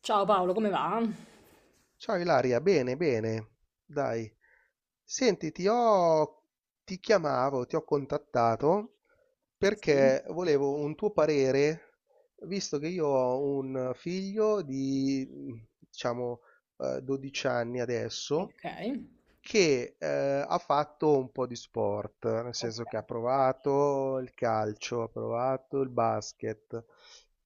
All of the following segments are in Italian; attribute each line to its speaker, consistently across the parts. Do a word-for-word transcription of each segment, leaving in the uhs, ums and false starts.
Speaker 1: Ciao Paolo, come va?
Speaker 2: Ciao Ilaria, bene, bene, dai. Senti, ti ho... ti chiamavo, ti ho contattato
Speaker 1: Sì.
Speaker 2: perché volevo un tuo parere, visto che io ho un figlio di, diciamo, eh, dodici anni adesso
Speaker 1: Ok.
Speaker 2: che, ehm, ha fatto un po' di sport, nel
Speaker 1: Ok.
Speaker 2: senso che ha provato il calcio, ha provato il basket,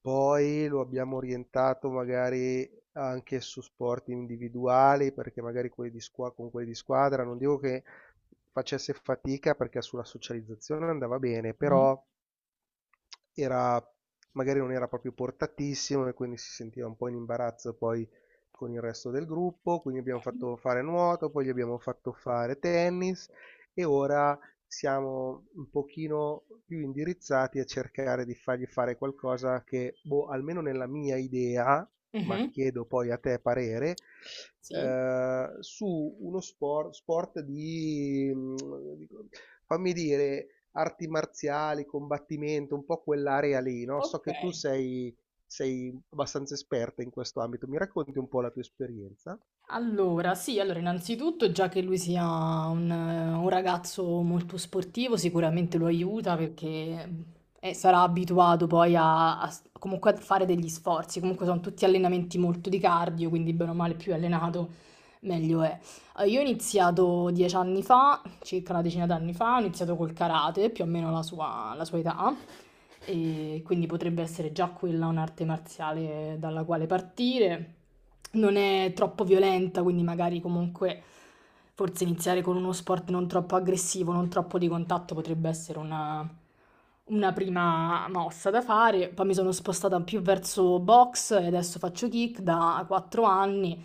Speaker 2: poi lo abbiamo orientato magari anche su sport individuali, perché magari quelli di squa con quelli di squadra, non dico che facesse fatica perché sulla socializzazione andava bene, però era, magari non era proprio portatissimo e quindi si sentiva un po' in imbarazzo poi con il resto del gruppo, quindi abbiamo fatto fare nuoto, poi gli abbiamo fatto fare tennis e ora siamo un pochino più indirizzati a cercare di fargli fare qualcosa che, boh, almeno nella mia idea, ma
Speaker 1: Mhm.
Speaker 2: chiedo poi a te parere,
Speaker 1: Sì.
Speaker 2: eh, su uno sport, sport di, mh, di- fammi dire, arti marziali, combattimento, un po' quell'area lì, no? So
Speaker 1: Ok.
Speaker 2: che tu sei, sei abbastanza esperta in questo ambito, mi racconti un po' la tua esperienza?
Speaker 1: Allora, sì, allora innanzitutto già che lui sia un, eh, un ragazzo molto sportivo, sicuramente lo aiuta perché mm, eh, sarà abituato poi a, a s- comunque a fare degli sforzi, comunque sono tutti allenamenti molto di cardio, quindi bene o male più è allenato, meglio è. Eh, Io ho iniziato dieci anni fa, circa una decina d'anni fa, ho iniziato col karate, più o meno la sua, la sua età, e quindi potrebbe essere già quella un'arte marziale dalla quale partire. Non è troppo violenta, quindi magari comunque forse iniziare con uno sport non troppo aggressivo, non troppo di contatto potrebbe essere una, una prima mossa da fare. Poi mi sono spostata più verso box e adesso faccio kick da quattro anni,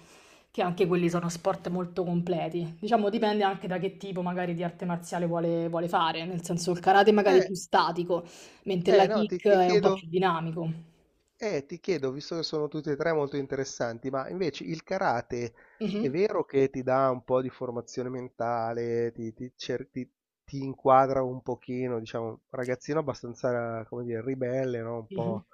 Speaker 1: che anche quelli sono sport molto completi. Diciamo, dipende anche da che tipo magari di arte marziale vuole, vuole fare, nel senso il karate magari è
Speaker 2: Eh,
Speaker 1: più statico, mentre la
Speaker 2: eh, no, ti,
Speaker 1: kick
Speaker 2: ti
Speaker 1: è un po'
Speaker 2: chiedo,
Speaker 1: più dinamico.
Speaker 2: Eh, ti chiedo, visto che sono tutti e tre molto interessanti, ma invece il karate è
Speaker 1: Mhm.
Speaker 2: vero che ti dà un po' di formazione mentale, ti, ti cer- ti- ti inquadra un pochino, diciamo, un ragazzino abbastanza, come dire, ribelle, no? Un
Speaker 1: Mh-mh.
Speaker 2: po'.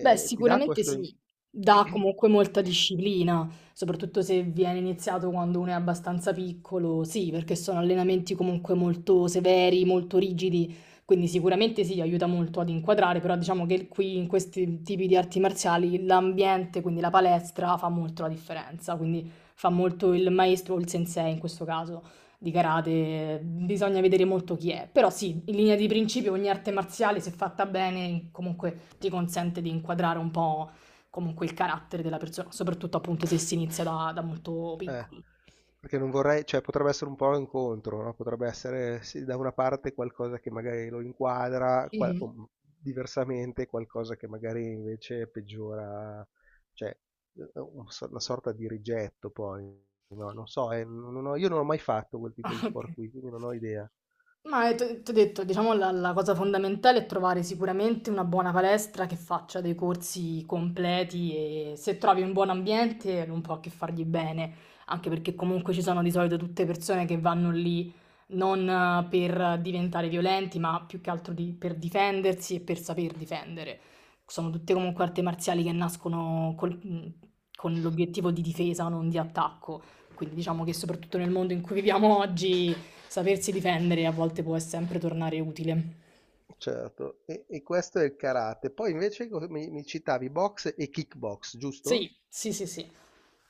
Speaker 1: Beh,
Speaker 2: ti dà
Speaker 1: sicuramente
Speaker 2: questo.
Speaker 1: sì, dà comunque molta disciplina, soprattutto se viene iniziato quando uno è abbastanza piccolo. Sì, perché sono allenamenti comunque molto severi, molto rigidi, quindi sicuramente sì, aiuta molto ad inquadrare, però diciamo che qui in questi tipi di arti marziali l'ambiente, quindi la palestra, fa molto la differenza, quindi fa molto il maestro o il sensei in questo caso di karate, bisogna vedere molto chi è, però sì, in linea di principio ogni arte marziale, se fatta bene, comunque ti consente di inquadrare un po' comunque il carattere della persona, soprattutto appunto se si inizia da, da molto
Speaker 2: Eh,
Speaker 1: piccoli.
Speaker 2: perché non vorrei, cioè potrebbe essere un po' incontro, no? Potrebbe essere sì, da una parte qualcosa che magari lo inquadra, qual-
Speaker 1: Mhm.
Speaker 2: o diversamente qualcosa che magari invece peggiora, cioè eh, eh, un so- una sorta di rigetto poi, no? Non so, eh, non ho- io non ho mai fatto quel tipo
Speaker 1: Ah,
Speaker 2: di
Speaker 1: ok.
Speaker 2: sport qui, quindi non ho idea.
Speaker 1: Ma ti ho detto, diciamo la, la cosa fondamentale è trovare sicuramente una buona palestra che faccia dei corsi completi e se trovi un buon ambiente non può che fargli bene, anche perché comunque ci sono di solito tutte persone che vanno lì non eh, per diventare violenti, ma più che altro di- per difendersi e per saper difendere. Sono tutte comunque arti marziali che nascono col- con l'obiettivo di difesa, non di attacco. Quindi diciamo che soprattutto nel mondo in cui viviamo oggi sapersi difendere a volte può sempre tornare utile.
Speaker 2: Certo, e, e questo è il karate. Poi invece co- mi, mi citavi box e kickbox, giusto?
Speaker 1: Sì, sì, sì, sì.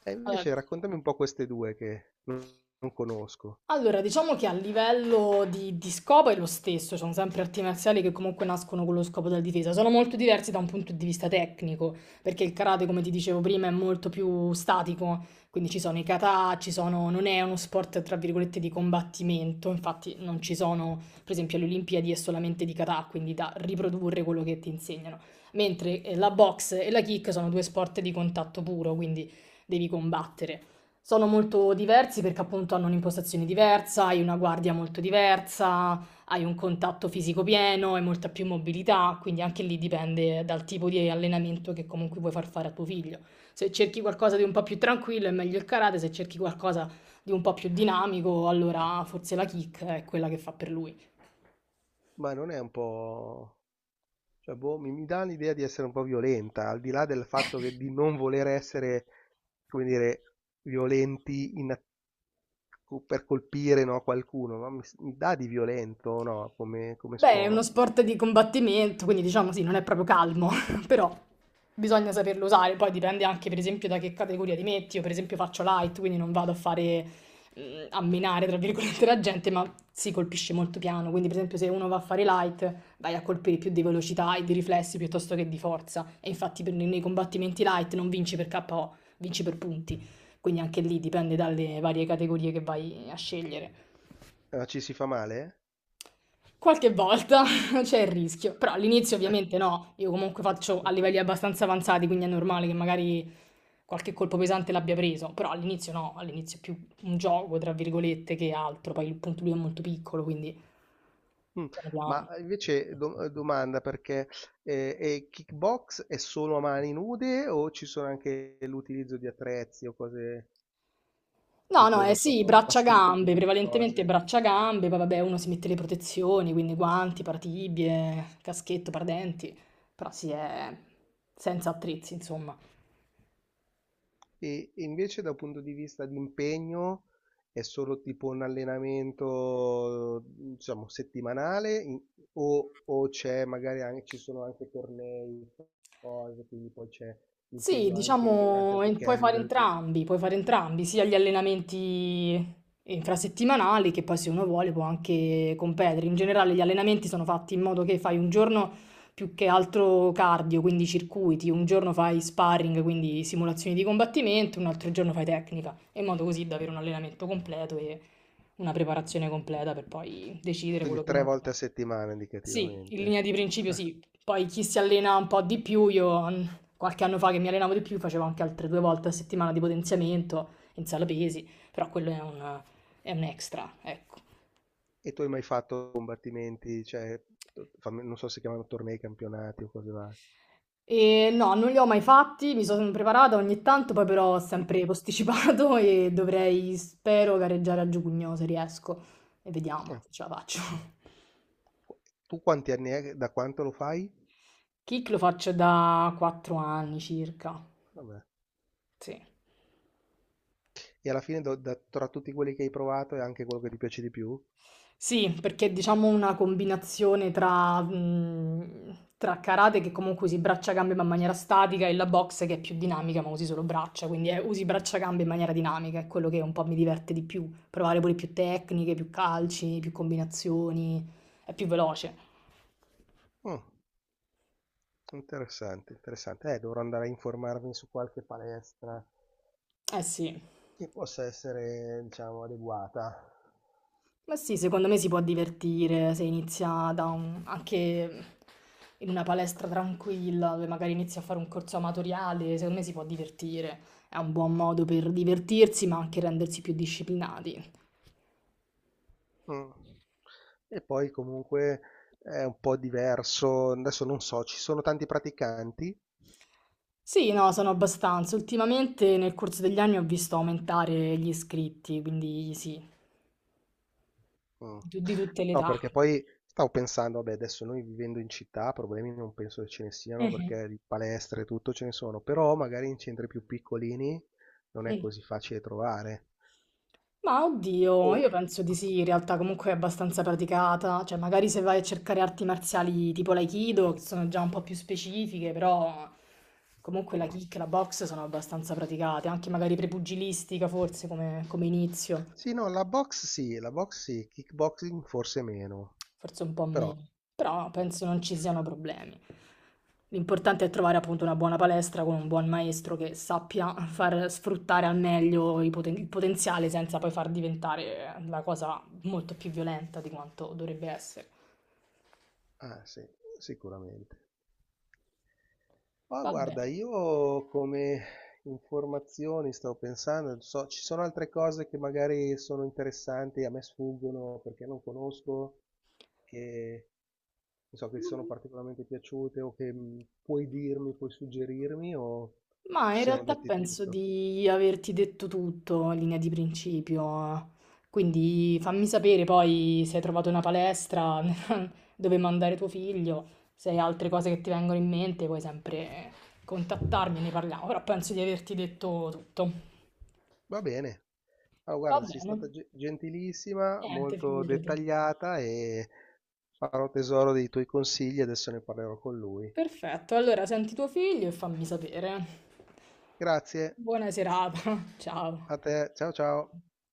Speaker 2: E
Speaker 1: Allora
Speaker 2: invece raccontami un po' queste due che non non conosco.
Speaker 1: Allora, diciamo che a livello di, di scopo è lo stesso, sono sempre arti marziali che comunque nascono con lo scopo della difesa, sono molto diversi da un punto di vista tecnico, perché il karate, come ti dicevo prima, è molto più statico, quindi ci sono i kata, ci sono, non è uno sport tra virgolette di combattimento, infatti non ci sono, per esempio alle Olimpiadi è solamente di kata, quindi da riprodurre quello che ti insegnano, mentre eh, la box e la kick sono due sport di contatto puro, quindi devi combattere. Sono molto diversi perché appunto hanno un'impostazione diversa, hai una guardia molto diversa, hai un contatto fisico pieno, hai molta più mobilità, quindi anche lì dipende dal tipo di allenamento che comunque vuoi far fare a tuo figlio. Se cerchi qualcosa di un po' più tranquillo è meglio il karate, se cerchi qualcosa di un po' più dinamico, allora forse la kick è quella che fa per lui.
Speaker 2: Ma non è un po'... cioè, boh, mi, mi dà l'idea di essere un po' violenta, al di là del fatto che di non voler essere, come dire, violenti in- per colpire, no, qualcuno, ma mi, mi dà di violento, no, come, come
Speaker 1: Beh, è uno
Speaker 2: sport.
Speaker 1: sport di combattimento, quindi diciamo sì, non è proprio calmo, però bisogna saperlo usare. Poi dipende anche, per esempio, da che categoria ti metti. Io, per esempio, faccio light, quindi non vado a fare mm, a minare, tra virgolette, la gente, ma si colpisce molto piano. Quindi, per esempio, se uno va a fare light, vai a colpire più di velocità e di riflessi piuttosto che di forza. E infatti, per- nei combattimenti light non vinci per K O, vinci per punti. Quindi anche lì dipende dalle varie categorie che vai a scegliere.
Speaker 2: Ah, ci si fa male?
Speaker 1: Qualche volta c'è il rischio, però all'inizio ovviamente no, io comunque faccio a livelli abbastanza avanzati, quindi è normale che magari qualche colpo pesante l'abbia preso, però all'inizio no, all'inizio è più un gioco, tra virgolette, che altro, poi il punto lui è molto piccolo, quindi
Speaker 2: eh? Mm.
Speaker 1: piano
Speaker 2: Ma
Speaker 1: piano.
Speaker 2: invece do- domanda perché eh, e kickbox è solo a mani nude o ci sono anche l'utilizzo di attrezzi o cose
Speaker 1: No, no,
Speaker 2: tipo,
Speaker 1: eh
Speaker 2: non so,
Speaker 1: sì, braccia-gambe,
Speaker 2: bastoni,
Speaker 1: prevalentemente
Speaker 2: cose?
Speaker 1: braccia-gambe, poi vabbè uno si mette le protezioni, quindi guanti, paratibie, caschetto, paradenti, però sì, è senza attrezzi, insomma.
Speaker 2: E e invece da un punto di vista di impegno è solo tipo un allenamento, diciamo, settimanale in- o, o c'è magari anche, ci sono anche tornei, cose, quindi poi c'è
Speaker 1: Sì,
Speaker 2: impegno anche durante il
Speaker 1: diciamo, e puoi fare
Speaker 2: weekend,
Speaker 1: entrambi, puoi fare entrambi, sia gli allenamenti infrasettimanali che poi se uno vuole può anche competere. In generale gli allenamenti sono fatti in modo che fai un giorno più che altro cardio, quindi circuiti, un giorno fai sparring, quindi simulazioni di combattimento, un altro giorno fai tecnica, in modo così da avere un allenamento completo e una preparazione completa per poi decidere quello
Speaker 2: quindi
Speaker 1: che uno
Speaker 2: tre
Speaker 1: vuole
Speaker 2: volte
Speaker 1: fare.
Speaker 2: a settimana
Speaker 1: Sì, in
Speaker 2: indicativamente.
Speaker 1: linea di principio
Speaker 2: Ah,
Speaker 1: sì. Poi chi si allena un po' di più, io mm, qualche anno fa che mi allenavo di più facevo anche altre due volte a settimana di potenziamento in sala pesi, però quello è un, è un extra, ecco.
Speaker 2: e tu hai mai fatto combattimenti, cioè, to- fammi- non so se chiamano tornei, campionati o cose varie.
Speaker 1: E no, non li ho mai fatti, mi sono preparata ogni tanto, poi però ho sempre posticipato e dovrei, spero, gareggiare a giugno se riesco. E vediamo
Speaker 2: Ah,
Speaker 1: se ce la faccio.
Speaker 2: qu- Tu quanti anni è, che- da quanto lo fai?
Speaker 1: Kick lo faccio da quattro anni circa.
Speaker 2: Vabbè.
Speaker 1: Sì.
Speaker 2: E alla fine, do- da- tra tutti quelli che hai provato, è anche quello che ti piace di più?
Speaker 1: Sì, perché è diciamo una combinazione tra, mh, tra karate che comunque usi braccia-gambe ma in maniera statica e la box che è più dinamica ma usi solo braccia, quindi eh, usi braccia-gambe in maniera dinamica, è quello che un po' mi diverte di più, provare pure più tecniche, più calci, più combinazioni, è più veloce.
Speaker 2: Mm, interessante, interessante. Eh, dovrò andare a informarmi su qualche palestra
Speaker 1: Eh sì.
Speaker 2: che possa essere, diciamo, adeguata.
Speaker 1: Ma sì, secondo me si può divertire se inizia da un- anche in una palestra tranquilla, dove magari inizia a fare un corso amatoriale, secondo me si può divertire. È un buon modo per divertirsi, ma anche rendersi più disciplinati.
Speaker 2: Mm. E poi comunque è un po' diverso. Adesso non so, ci sono tanti praticanti?
Speaker 1: Sì, no, sono abbastanza. Ultimamente nel corso degli anni ho visto aumentare gli iscritti, quindi sì,
Speaker 2: Mh.
Speaker 1: di, tu- di tutte le
Speaker 2: No,
Speaker 1: età.
Speaker 2: perché poi stavo pensando, vabbè adesso noi vivendo in città problemi non penso che ce ne siano
Speaker 1: Mhm.
Speaker 2: perché di palestre e tutto ce ne sono, però magari in centri più piccolini non è
Speaker 1: Mm.
Speaker 2: così facile trovare.
Speaker 1: Ma oddio,
Speaker 2: O
Speaker 1: io penso di
Speaker 2: mh.
Speaker 1: sì, in realtà comunque è abbastanza praticata, cioè magari se vai a cercare arti marziali tipo l'aikido, che sono già un po' più specifiche, però comunque la kick e la box sono abbastanza praticate, anche magari prepugilistica forse come, come inizio.
Speaker 2: Sì, no, la box sì, la box sì, kickboxing forse meno,
Speaker 1: Forse un po'
Speaker 2: però
Speaker 1: meno, però
Speaker 2: eh.
Speaker 1: penso non ci siano problemi. L'importante è trovare appunto una buona palestra con un buon maestro che sappia far sfruttare al meglio i poten- il potenziale senza poi far diventare la cosa molto più violenta di quanto dovrebbe essere.
Speaker 2: Ah sì, sicuramente. Ma
Speaker 1: Va
Speaker 2: guarda,
Speaker 1: bene,
Speaker 2: io come informazioni stavo pensando, so- ci sono altre cose che magari sono interessanti, a me sfuggono perché non conosco, che non so che ti sono particolarmente piaciute o che mh, puoi dirmi, puoi suggerirmi o
Speaker 1: ma
Speaker 2: ci
Speaker 1: in
Speaker 2: siamo
Speaker 1: realtà
Speaker 2: detti
Speaker 1: penso
Speaker 2: tutto.
Speaker 1: di averti detto tutto in linea di principio. Quindi fammi sapere poi se hai trovato una palestra, dove mandare tuo figlio, se hai altre cose che ti vengono in mente puoi sempre contattarmi e ne parliamo, però penso di averti detto tutto.
Speaker 2: Va bene. Allora,
Speaker 1: Va
Speaker 2: guarda, sei
Speaker 1: bene,
Speaker 2: stata ge- gentilissima,
Speaker 1: niente,
Speaker 2: molto
Speaker 1: figurati.
Speaker 2: dettagliata e farò tesoro dei tuoi consigli, adesso ne parlerò con lui.
Speaker 1: Perfetto, allora senti tuo figlio e fammi sapere.
Speaker 2: Grazie
Speaker 1: Buona serata, ciao.
Speaker 2: a te, ciao ciao.